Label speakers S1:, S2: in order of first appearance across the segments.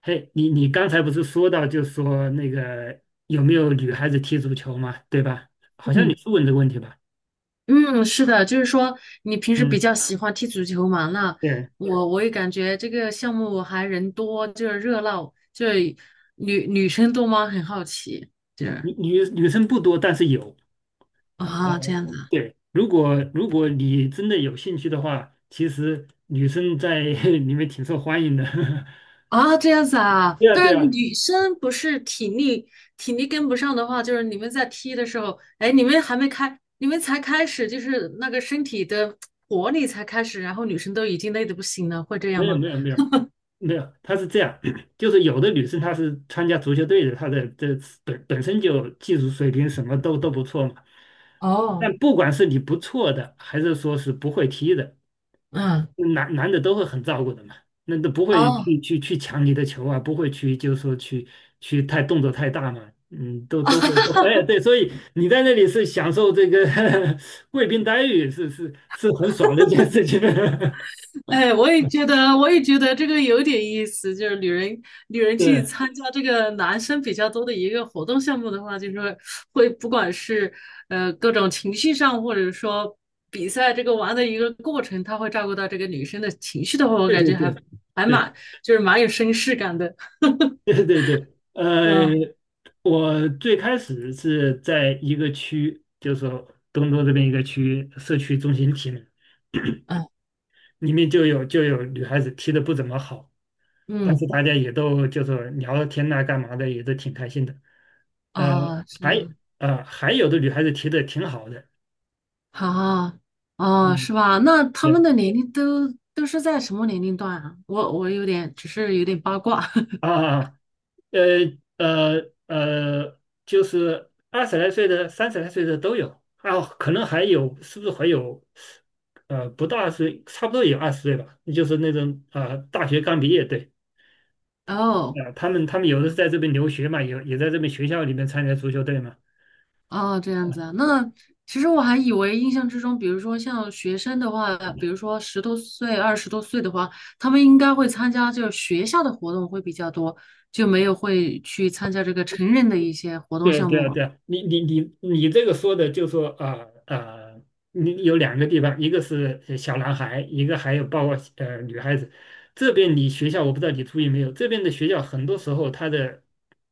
S1: 嘿，你刚才不是说到，就说那个有没有女孩子踢足球嘛，对吧？好像你
S2: 嗯
S1: 是问这个问题吧？
S2: 嗯，是的，就是说你平时比
S1: 嗯，
S2: 较喜欢踢足球嘛？那
S1: 对，
S2: 我也感觉这个项目还人多，就是热闹，就是女生多吗？很好奇，就是
S1: 女生不多，但是有。
S2: 啊这
S1: 哦，
S2: 样子啊
S1: 对，如果你真的有兴趣的话，其实女生在 里面挺受欢迎的。
S2: 啊这样子 啊。
S1: 对呀，对
S2: 但是
S1: 呀，
S2: 女生不是体力跟不上的话，就是你们在踢的时候，哎，你们还没开，你们才开始，就是那个身体的活力才开始，然后女生都已经累得不行了，会这样
S1: 没有
S2: 吗？
S1: 没有没有，没有，他是这样，就是有的女生她是参加足球队的，她的这本身就技术水平什么都不错嘛。
S2: 哦，
S1: 但不管是你不错的，还是说是不会踢的，
S2: 嗯，
S1: 男的都会很照顾的嘛。那都不会
S2: 哦。
S1: 去抢你的球啊，不会去就是说去太动作太大嘛，嗯，都会，都会 哎，对，所以你在那里是享受这个 贵宾待遇，是很爽的一件事情。
S2: 哎，我也觉得，这个有点意思。就是女人去
S1: 对
S2: 参加这个男生比较多的一个活动项目的话，就是会不管是各种情绪上，或者说比赛这个玩的一个过程，他会照顾到这个女生的情绪的话，我
S1: 对
S2: 感
S1: 对
S2: 觉还
S1: 对
S2: 还
S1: 对。
S2: 蛮就是蛮有绅士感的。
S1: 对对对，
S2: 嗯
S1: 呃，我最开始是在一个区，就是说东都这边一个区社区中心体里，
S2: 嗯
S1: 里面就有女孩子踢得不怎么好，但
S2: 嗯
S1: 是大家也都就说聊聊天呐、干嘛的，也都挺开心的。呃，
S2: 啊，是
S1: 还
S2: 啊，
S1: 还有的女孩子踢得挺好的，
S2: 啊哦，
S1: 嗯，
S2: 是吧？那他们
S1: 对
S2: 的年龄都是在什么年龄段啊？我有点只是有点八卦
S1: 啊，呃呃呃，就是20来岁的、30来岁的都有，啊，可能还有，是不是还有？呃，不到20，差不多有20岁吧，就是那种啊、大学刚毕业，对，
S2: 哦。
S1: 啊、他们有的是在这边留学嘛，有也在这边学校里面参加足球队嘛，
S2: 哦，这样子
S1: 啊。
S2: 啊，那其实我还以为印象之中，比如说像学生的话，比如说十多岁、20多岁的话，他们应该会参加就是学校的活动会比较多，就没有会去参加这个成人的一些活动
S1: 对
S2: 项
S1: 对
S2: 目了
S1: 对，你这个说的就说你有两个地方，一个是小男孩，一个还有包括女孩子。这边你学校我不知道你注意没有，这边的学校很多时候他的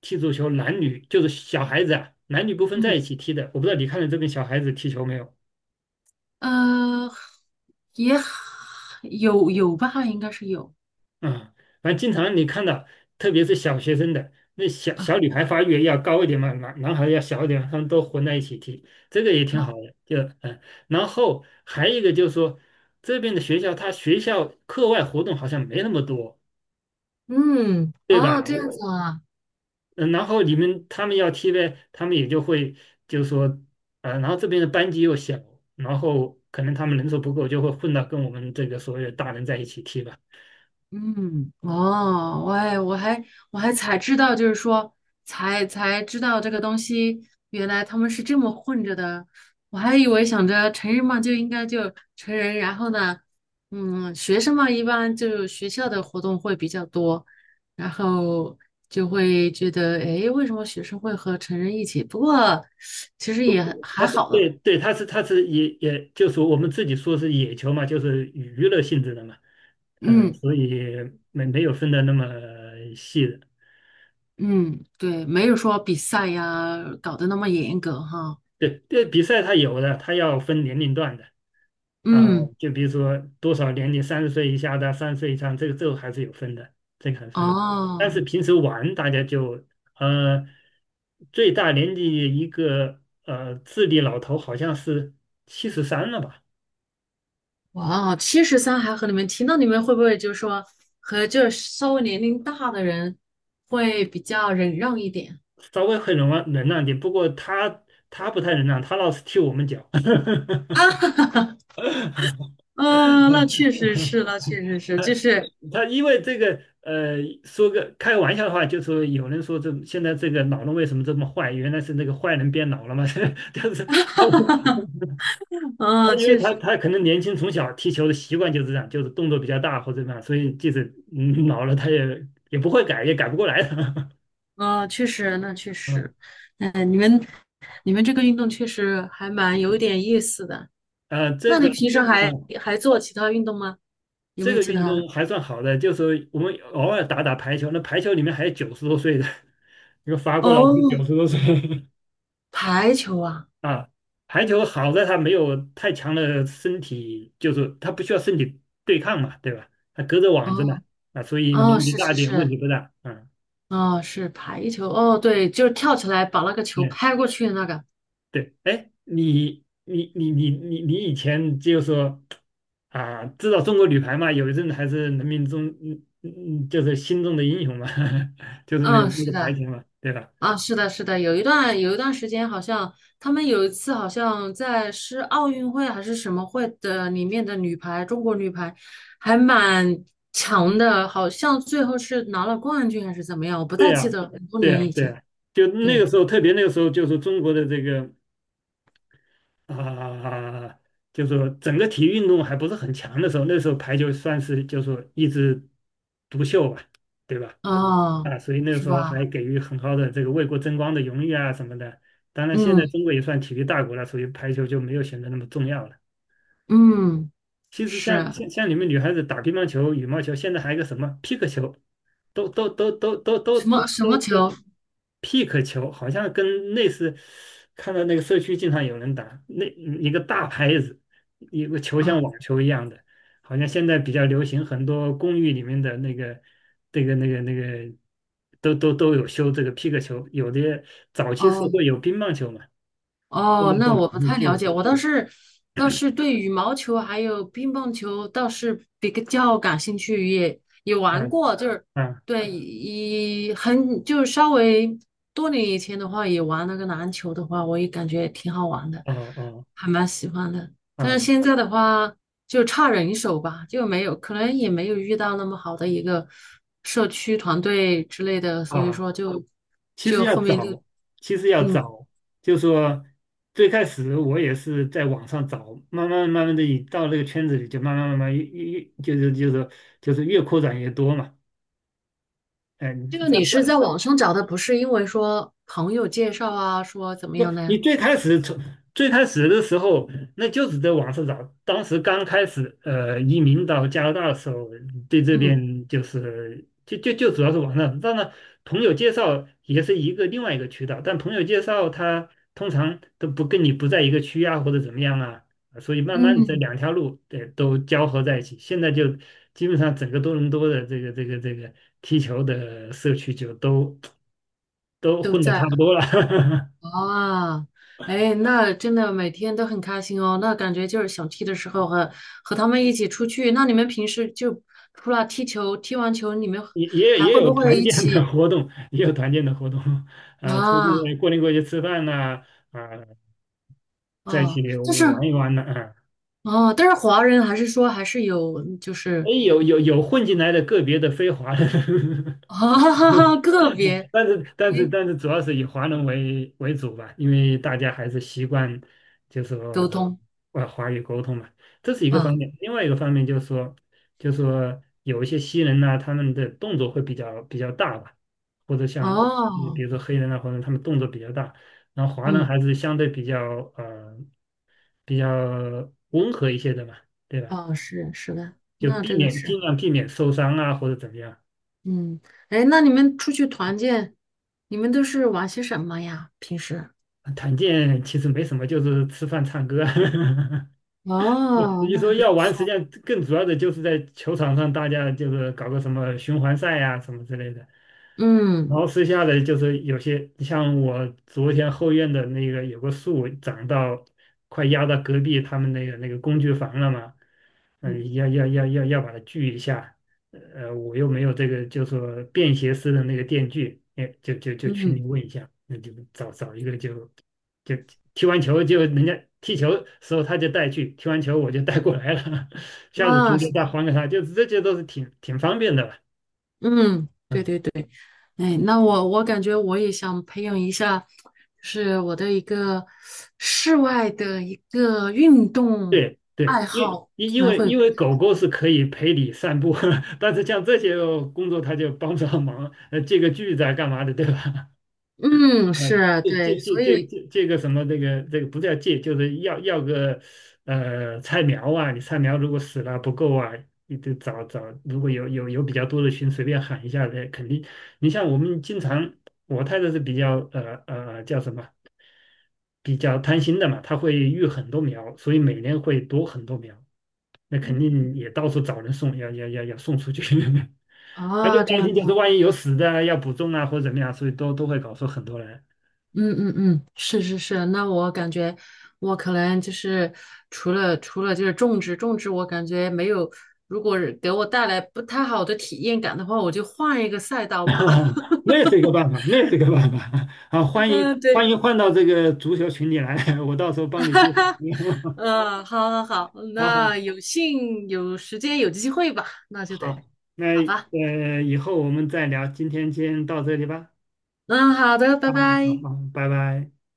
S1: 踢足球男女就是小孩子啊，男女不分在
S2: 嗯，
S1: 一起踢的。我不知道你看到这边小孩子踢球没有？
S2: 呃，也有吧，应该是有。
S1: 啊，反正经常你看到，特别是小学生的，那小女孩发育要高一点嘛，男孩要小一点，他们都混在一起踢，这个也挺好的。就然后还有一个就是说，这边的学校，他学校课外活动好像没那么多，
S2: 嗯，
S1: 对
S2: 哦，
S1: 吧？
S2: 这样
S1: 我，
S2: 子啊，
S1: 嗯然后你们他们要踢呗，他们也就会就是说，啊，然后这边的班级又小，然后可能他们人数不够，就会混到跟我们这个所有大人在一起踢吧。
S2: 嗯，哦，我还才知道，就是说才知道这个东西，原来他们是这么混着的。我还以为想着成人嘛就应该就成人，然后呢，嗯，学生嘛一般就学校的活动会比较多，然后就会觉得，诶，为什么学生会和成人一起？不过其实
S1: 不
S2: 也
S1: 不，
S2: 还
S1: 它是
S2: 好
S1: 对
S2: 的，
S1: 对，它是也就是我们自己说是野球嘛，就是娱乐性质的嘛，
S2: 嗯
S1: 所以没有分的那么细的。
S2: 嗯，对，没有说比赛呀搞得那么严格哈，
S1: 对对，比赛它有的，它要分年龄段的啊，
S2: 嗯。
S1: 就比如说多少年龄，30岁以下的，30岁以上，这个还是有分的，这个还分。但是
S2: 哦，
S1: 平时玩大家就呃，最大年纪一个智力老头好像是73了吧。
S2: 哇，73还和你们提，那你们会不会就是说和就是稍微年龄大的人会比较忍让一点？
S1: 稍微会忍让忍让点，不过他不太忍让，他老是踢我们脚。
S2: 啊，嗯、那确实是，那确实是，就
S1: 他
S2: 是，
S1: 他因为这个说个开玩笑的话，就说有人说这现在这个老人为什么这么坏？原来是那个坏人变老了嘛，就是他
S2: 嗯、
S1: 他因为
S2: 确
S1: 他
S2: 实，
S1: 他可能年轻从小踢球的习惯就是这样，就是动作比较大或者怎么样，所以即使老了他也不会改，也改不过来的。
S2: 嗯、确实，那确
S1: 嗯，
S2: 实，嗯、你们，你们这个运动确实还蛮有点意思的。
S1: 啊、这
S2: 那
S1: 个
S2: 你平时还
S1: 啊。
S2: 还做其他运动吗？有
S1: 这
S2: 没有
S1: 个
S2: 其
S1: 运
S2: 他？
S1: 动还算好的，就是我们偶尔打打排球，那排球里面还有九十多岁的，一个法国老头
S2: 哦，
S1: 九十多岁
S2: 排球啊，
S1: 啊。排球好在他没有太强的身体，就是他不需要身体对抗嘛，对吧？他隔着网子嘛，
S2: 哦
S1: 啊，所以
S2: 哦，
S1: 年纪
S2: 是
S1: 大一
S2: 是
S1: 点问
S2: 是，
S1: 题不大，啊
S2: 哦，是排球，哦，对，就是跳起来把那个球
S1: 嗯。
S2: 拍过去的那个。
S1: 对，哎，你以前就说啊，知道中国女排嘛？有一阵子还是人民中就是心中的英雄嘛，就是那个
S2: 嗯，
S1: 那
S2: 是
S1: 个排
S2: 的，
S1: 球嘛，对吧？
S2: 啊，是的，是的，有一段时间，好像他们有一次好像在是奥运会还是什么会的里面的女排，中国女排还蛮强的，好像最后是拿了冠军还是怎么样，我不
S1: 对
S2: 太记
S1: 呀，
S2: 得了很多
S1: 对
S2: 年
S1: 呀，
S2: 以
S1: 对
S2: 前。
S1: 呀，就那个
S2: 对，
S1: 时候，特别那个时候，就是中国的这个啊，就是说整个体育运动还不是很强的时候，那时候排球算是就是说一枝独秀吧，对吧？
S2: 哦，
S1: 啊，所以那个
S2: 是
S1: 时候还
S2: 吧？
S1: 给予很高的这个为国争光的荣誉啊什么的。当然，现在
S2: 嗯
S1: 中国也算体育大国了，所以排球就没有显得那么重要了。
S2: 嗯，
S1: 其实
S2: 是
S1: 像你们女孩子打乒乓球、羽毛球，现在还有一个什么皮克球，都都都都都都
S2: 什
S1: 都
S2: 么什么
S1: 都
S2: 球
S1: 都皮克球，好像跟类似，看到那个社区经常有人打，那一个大拍子，一个球像
S2: 啊？
S1: 网球一样的，好像现在比较流行，很多公寓里面的那个这个那个那个都有修这个皮克球，有的早期是
S2: 哦。
S1: 会有乒乓球嘛，现在
S2: 哦，
S1: 都
S2: 那
S1: 有
S2: 我不太
S1: 皮
S2: 了
S1: 克
S2: 解，
S1: 球
S2: 我倒是对羽毛球还有乒乓球倒是比较感兴趣，也
S1: 啊
S2: 玩过，就是
S1: 啊
S2: 对，一很就是稍微多年以前的话，也玩那个篮球的话，我也感觉挺好玩的，
S1: 哦哦
S2: 还蛮喜欢的。但是
S1: 啊
S2: 现在的话，就差人手吧，就没有，可能也没有遇到那么好的一个社区团队之类的，所以
S1: 啊。
S2: 说就
S1: 其实
S2: 就
S1: 要
S2: 后面就
S1: 找，其实要
S2: 嗯。
S1: 找，就说最开始我也是在网上找，慢慢的，你到那个圈子里就慢慢越就是越扩展越多嘛。哎，你
S2: 这个
S1: 这
S2: 你
S1: 样
S2: 是在
S1: 这
S2: 网上找的，不是因为说朋友介绍啊，说怎么
S1: 不，
S2: 样的
S1: 你
S2: 呀？
S1: 最开始从最开始的时候，那就是在网上找。当时刚开始，移民到加拿大的时候，对这
S2: 嗯
S1: 边就是就主要是网上。当然，朋友介绍也是一个另外一个渠道，但朋友介绍他通常都不跟你不在一个区啊，或者怎么样啊，所以慢慢的这
S2: 嗯，
S1: 两条路对都交合在一起。现在就基本上整个多伦多的这个这个踢球的社区就都
S2: 都
S1: 混得差
S2: 在
S1: 不多了。
S2: 啊。哎，那真的每天都很开心哦。那感觉就是想踢的时候和他们一起出去。那你们平时就除了踢球，踢完球你们
S1: 也也
S2: 还
S1: 也
S2: 会
S1: 有
S2: 不会
S1: 团
S2: 一
S1: 建的
S2: 起
S1: 活动，也有团建的活动，啊、出
S2: 啊
S1: 去过年过节吃饭呐、啊，在一起
S2: 啊？就是
S1: 玩一玩呐、啊，
S2: 啊，但是华人还是说还是有就
S1: 哎，
S2: 是
S1: 有混进来的个别的非华的，
S2: 啊 个别
S1: 但是但是
S2: 哎
S1: 但是主要是以华人为主吧，因为大家还是习惯就是
S2: 沟
S1: 说
S2: 通
S1: 华语沟通嘛，这是一个方
S2: 啊
S1: 面。另外一个方面就是说，就是说有一些西人呐、他们的动作会比较大吧，或者像比
S2: 哦。
S1: 如说黑人啊，或者他们动作比较大，然后华人
S2: 嗯。
S1: 还是相对呃比较温和一些的嘛，对吧？
S2: 哦，是是的，
S1: 就
S2: 那
S1: 避
S2: 这个
S1: 免
S2: 是，
S1: 尽量避免受伤啊或者怎么样。
S2: 嗯，哎，那你们出去团建，你们都是玩些什么呀？平时？
S1: 啊团建其实没什么，就是吃饭唱歌。
S2: 哦，
S1: 你
S2: 那
S1: 说
S2: 还不
S1: 要玩，实际
S2: 错，
S1: 上更主要的就是在球场上，大家就是搞个什么循环赛呀、什么之类的。然
S2: 嗯
S1: 后剩下的就是有些像我昨天后院的那个有个树长到快压到隔壁他们那个工具房了嘛，
S2: 嗯
S1: 嗯、要把它锯一下，我又没有这个就说便携式的那个电锯，哎，就群里
S2: 嗯，
S1: 问一下，那就找找一个就踢完球就人家踢球时候他就带去，踢完球我就带过来了，下次踢
S2: 啊，
S1: 就
S2: 是的，
S1: 再还给他，就是这些都是挺方便的了。
S2: 嗯，对
S1: 嗯，
S2: 对对，哎，那我感觉我也想培养一下，就是我的一个室外的一个运动
S1: 对对，
S2: 爱
S1: 因
S2: 好，
S1: 因
S2: 可
S1: 因
S2: 能
S1: 为
S2: 会，
S1: 因为狗狗是可以陪你散步，但是像这些工作他就帮不上忙，借个锯子啊干嘛的，对吧？
S2: 嗯，
S1: 啊，
S2: 是
S1: 这
S2: 对，
S1: 这这
S2: 所
S1: 这
S2: 以
S1: 这这个什么，这个不叫借，就是要个菜苗啊，你菜苗如果死了不够啊，你得找找，如果有比较多的群，随便喊一下的，肯定。你像我们经常，我太太是比较叫什么，比较贪心的嘛，她会育很多苗，所以每年会多很多苗，那肯定也到处找人送，要送出去。她就
S2: 啊，这
S1: 担
S2: 样。
S1: 心，就是万一有死的啊要补种啊，或者怎么样，所以都会搞出很多来。
S2: 嗯嗯嗯，是是是，那我感觉我可能就是除了就是种植种植，我感觉没有，如果是给我带来不太好的体验感的话，我就换一个赛 道吧。
S1: 那也是一个办法，那也是一个办法 啊！欢迎
S2: 嗯，
S1: 欢
S2: 对，
S1: 迎换到这个足球群里来，我到时候帮你介绍。
S2: 嗯，好好好，
S1: 好
S2: 那
S1: 好
S2: 有幸有时间有机会吧，那就得
S1: 好，那
S2: 好吧。
S1: 以后我们再聊，今天先到这里吧。
S2: 嗯，好的，拜
S1: 好好好
S2: 拜。
S1: 好，拜拜。